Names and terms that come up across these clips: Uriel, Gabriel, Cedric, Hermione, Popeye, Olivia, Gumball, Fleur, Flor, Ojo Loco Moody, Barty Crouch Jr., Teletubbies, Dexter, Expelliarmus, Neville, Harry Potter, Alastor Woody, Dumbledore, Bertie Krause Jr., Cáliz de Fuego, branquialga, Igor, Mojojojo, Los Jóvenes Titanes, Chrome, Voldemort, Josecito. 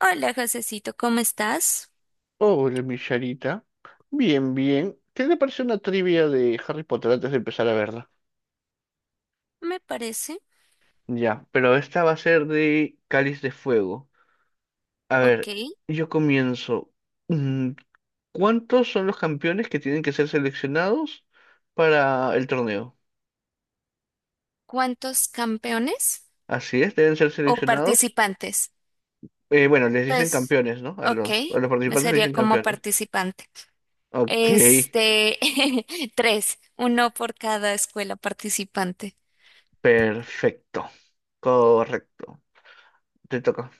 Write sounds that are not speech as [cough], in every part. Hola, Josecito, ¿cómo estás? Hola, mi Charita. Bien, bien. ¿Qué te parece una trivia de Harry Potter antes de empezar a verla? Me parece. Ya, pero esta va a ser de Cáliz de Fuego. A Ok. ver, yo comienzo. Mm, ¿Cuántos son los campeones que tienen que ser seleccionados para el torneo? ¿Cuántos campeones Así es, deben ser o seleccionados. participantes? Bueno, les dicen Pues, campeones, ¿no? A ok, a los me participantes les sería dicen como campeones. participante. Ok, Este, [laughs] tres, uno por cada escuela participante. perfecto. Correcto. Te toca.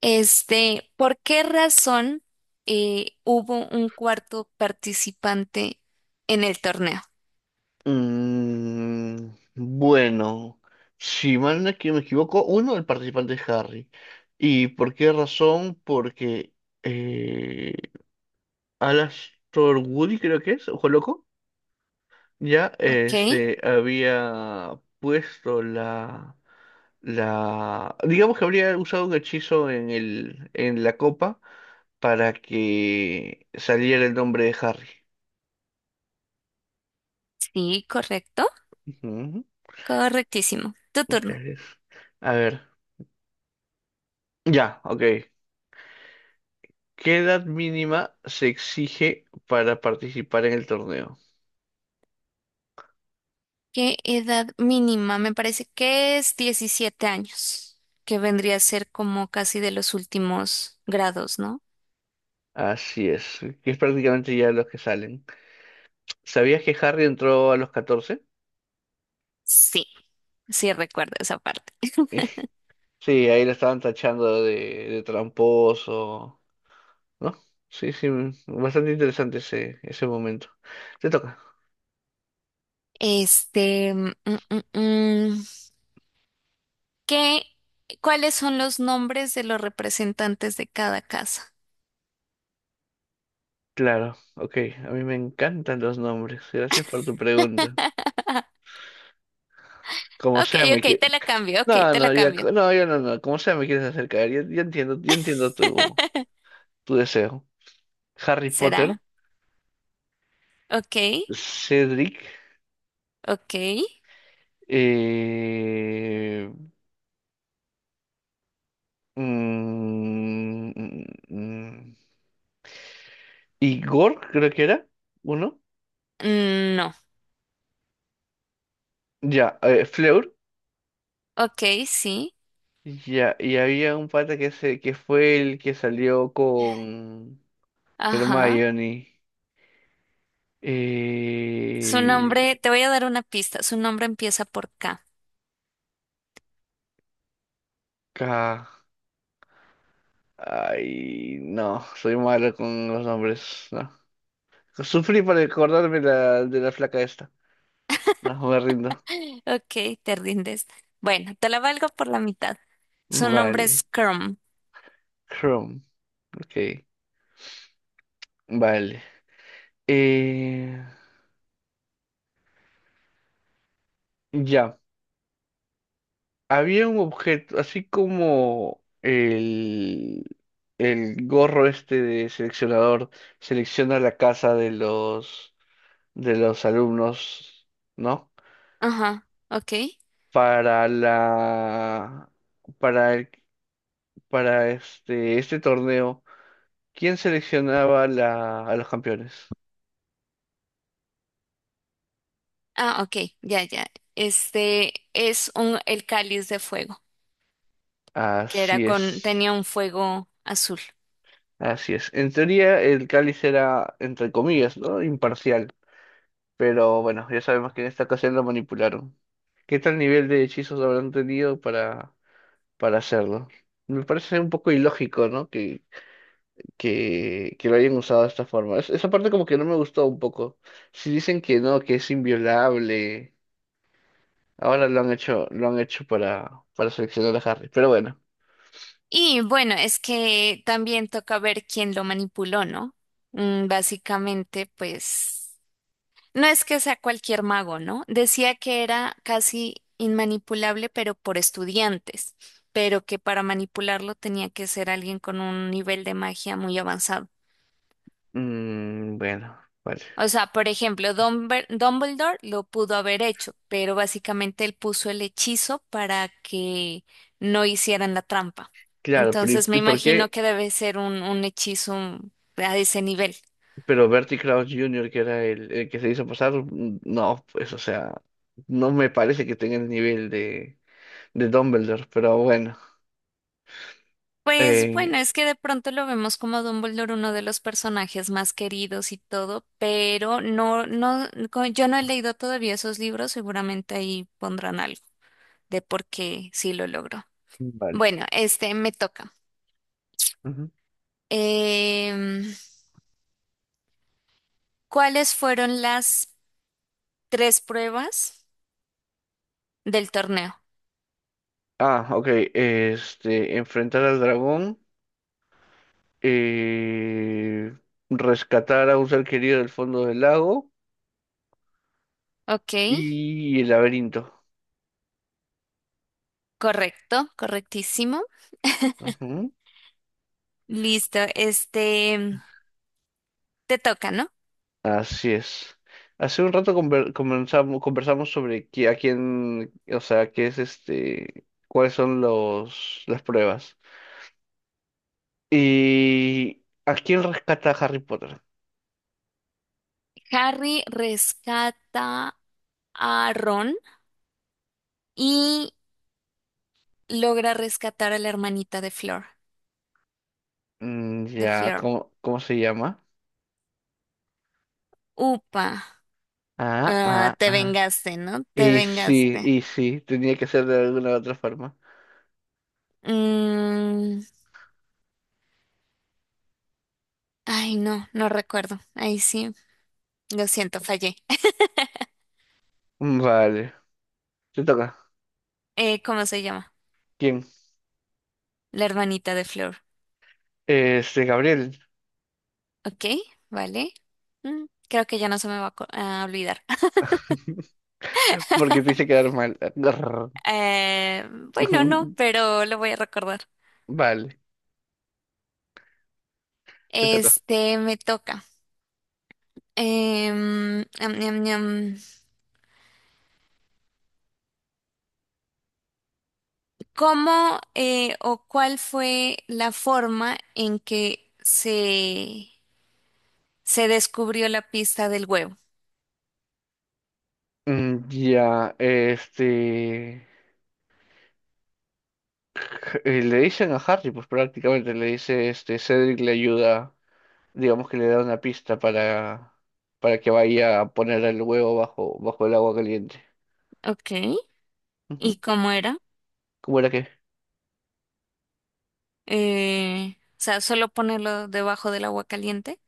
¿Por qué razón hubo un cuarto participante en el torneo? Mm, bueno, si mal no es que me equivoco, uno, el participante es Harry. ¿Y por qué razón? Porque eh, Alastor Woody, creo que es, ojo loco, ya Ok, este, había puesto la... Digamos que habría usado un hechizo en en la copa para que saliera el nombre de Harry. sí, correcto. Ujú, Correctísimo. Tu turno. claro es. A ver, ya, ok. ¿Qué edad mínima se exige para participar en el torneo? ¿Qué edad mínima? Me parece que es 17 años, que vendría a ser como casi de los últimos grados, ¿no? Así es, que es prácticamente ya los que salen. ¿Sabías que Harry entró a los 14? Sí, sí recuerdo esa parte. [laughs] Sí, ahí lo estaban tachando de tramposo, ¿no? Sí, sí, bastante interesante ese momento. Te toca. Este, mm, mm, mm, ¿qué, cuáles son los nombres de los representantes de cada casa? Claro, ok, a mí me encantan los nombres. Gracias por tu pregunta. Como Ok, sea, me ok, te quieres... la cambio, ok, No, te la no, ya, cambio. no, yo no, no, como sea, me quieres acercar. Yo entiendo [laughs] tu deseo. Harry ¿Será? Potter, Ok, Cedric, ok. eh, mm, mm, mm, Igor, creo que era, uno, No. ya, Fleur, Ok, sí. ya, y había un pata que, se, que fue el que salió con Ajá. Hermione, Su eh, nombre, te voy a dar una pista. Su nombre empieza por K. K, ay, no, soy malo con los nombres, no. Sufrí para acordarme la, de la flaca esta, no, me rindo, [laughs] Ok, te rindes. Bueno, te la valgo por la mitad. Su nombre vale, es Chrome. Chrome. Ok, vale. Eh, ya, había un objeto, así como el gorro este de seleccionador selecciona la casa de de los alumnos, ¿no? Ajá, ok. Para para para este, este torneo, ¿quién seleccionaba a los campeones? Ah, ok, ya, ya. Este es el cáliz de fuego, que era Así es, tenía un fuego azul. así es. En teoría, el cáliz era, entre comillas, ¿no? Imparcial. Pero bueno, ya sabemos que en esta ocasión lo manipularon. ¿Qué tal nivel de hechizos habrán tenido para hacerlo? Me parece un poco ilógico, ¿no? Que lo hayan usado de esta forma. Esa parte como que no me gustó un poco. Si dicen que no, que es inviolable, ahora lo han hecho para seleccionar a Harry. Pero bueno. Y bueno, es que también toca ver quién lo manipuló, ¿no? Mm, básicamente, pues. No es que sea cualquier mago, ¿no? Decía que era casi inmanipulable, pero por estudiantes, pero que para manipularlo tenía que ser alguien con un nivel de magia muy avanzado. Bueno, vale. O sea, por ejemplo, Dumbledore lo pudo haber hecho, pero básicamente él puso el hechizo para que no hicieran la trampa. Claro, pero Entonces me y por imagino qué? que debe ser un hechizo a ese nivel. Pero Bertie Krause Jr., que era el que se hizo pasar, mm, no, pues, o sea, no me parece que tenga el nivel de Dumbledore, pero bueno. Pues Eh, bueno, es que de pronto lo vemos como Dumbledore, uno de los personajes más queridos y todo, pero no, no, yo no he leído todavía esos libros, seguramente ahí pondrán algo de por qué sí lo logró. vale. Bueno, este me toca. Ujú. Em, ¿Cuáles fueron las tres pruebas del torneo? Ah, ok. Este, enfrentar al dragón, eh, rescatar a un ser querido del fondo del lago Ok, y el laberinto. correcto, correctísimo. Listo, este te toca, ¿no? Así es. Hace un rato comenzamos, conversamos sobre a quién, o sea, qué es este, cuáles son los, las pruebas. ¿Y a quién rescata Harry Potter? Harry rescata a Ron y logra rescatar a la hermanita de Flor, Mm, de ya, Flor. Cómo se llama? Upa, Ah, ah, ah, te ah. vengaste, ¿no? Te vengaste. Y sí, tenía que ser de alguna u otra forma. Mm, ay, no, no recuerdo. Ahí sí, lo siento, fallé. [laughs] Mm, vale, te toca. ¿Cómo se llama? ¿Quién? La hermanita de Flor. Este, Gabriel. Ok, vale. Mm, creo que ya no se me va a a olvidar. [laughs] [laughs] Porque te hice quedar mal. Eh, bueno, no, [laughs] pero lo voy a recordar. Vale, te toca. Este, me toca. Em, am, am, am. ¿Cómo o cuál fue la forma en que se descubrió la pista del huevo? Mm, ya, este, le dicen a Harry, pues prácticamente le dice, este, Cedric le ayuda, digamos que le da una pista para que vaya a poner el huevo bajo, bajo el agua caliente. Ok. Ujú. ¿Y cómo era? ¿Cómo era que? O sea, solo ponerlo debajo del agua caliente.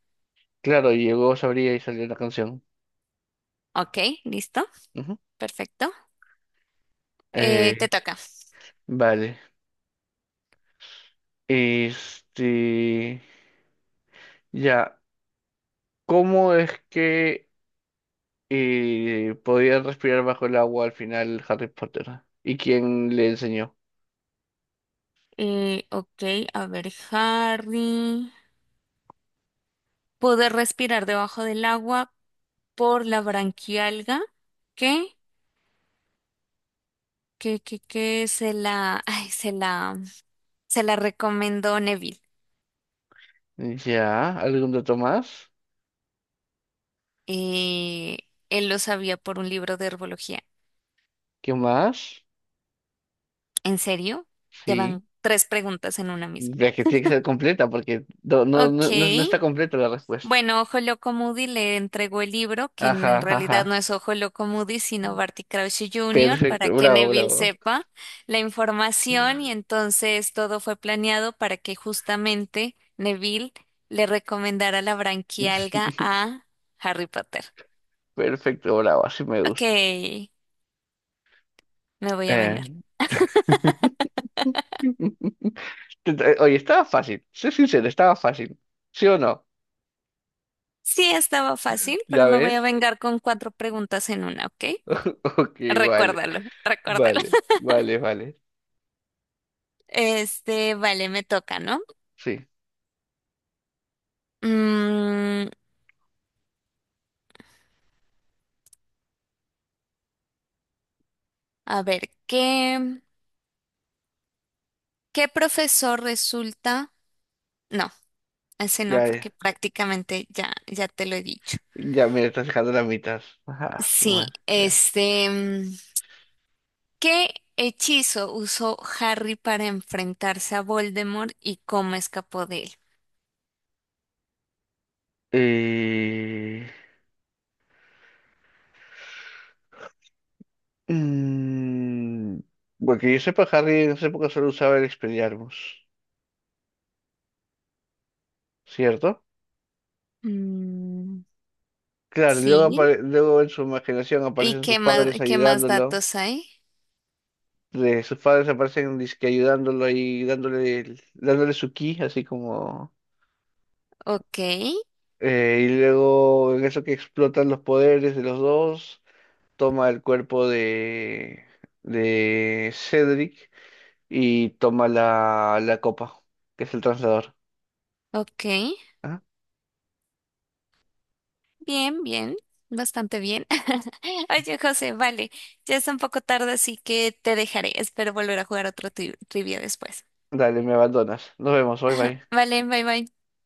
Claro, llegó, sabría y salió la canción. Ok, listo. Ujú. Perfecto. Eh, Te toca. vale, este, ya, ¿cómo es que podía respirar bajo el agua al final Harry Potter? ¿Y quién le enseñó? Ok, a ver, Harry. Poder respirar debajo del agua por la branquialga. Ok. Que se la, [laughs] ay, se la recomendó Neville. Ya, ¿algún dato más? Eh, él lo sabía por un libro de herbología. ¿Qué más? ¿En serio? Ya Sí, van tres preguntas en una misma. ya que tiene que ser completa porque no, no, Ok. no, no está completa la respuesta. Bueno, Ojo Loco Moody le entregó el libro, que Ajá, en realidad no ajá, es Ojo Loco Moody, sino Barty Crouch Jr., para perfecto, que bravo, Neville bravo. sepa la información y entonces todo fue planeado para que justamente Neville le recomendara la branquialga [laughs] a Harry Potter. Perfecto, bravo, así me Ok, gusta. me voy a Eh. vengar. [laughs] Oye, estaba fácil, soy sincero, estaba fácil. ¿Sí o no? Sí, estaba fácil, pero ¿Ya me voy a ves? [laughs] vengar con cuatro preguntas en una, ¿ok? Ok, vale, Recuérdalo, recuérdalo. vale, [laughs] vale, vale. Este, vale, me toca, ¿no? Sí, Mm, A ver, ¿ qué profesor resulta? No, ese no, ya, porque prácticamente ya, ya te lo he dicho. ya me estás dejando la mitad. Ajá, su Sí, madre, ya. ¿Qué hechizo usó Harry para enfrentarse a Voldemort y cómo escapó de él? Eh, mm, bueno, que yo sepa, Harry en esa época solo usaba el Expelliarmus, ¿cierto? Mm, Claro, y luego, sí, luego en su imaginación ¿y aparecen sus padres qué más ayudándolo. datos hay? De sus padres aparecen dizque ayudándolo y dándole, dándole su ki, así como... Ok, Eh, y luego en eso que explotan los poderes de los dos, toma el cuerpo de Cedric y toma la copa, que es el translador. ok. ¿Ah? Bien, bien, bastante bien. [laughs] Oye, José, vale, ya es un poco tarde, así que te dejaré. Espero volver a jugar otro trivia después. Dale, me abandonas. Nos vemos, bye bye. Vale, bye bye.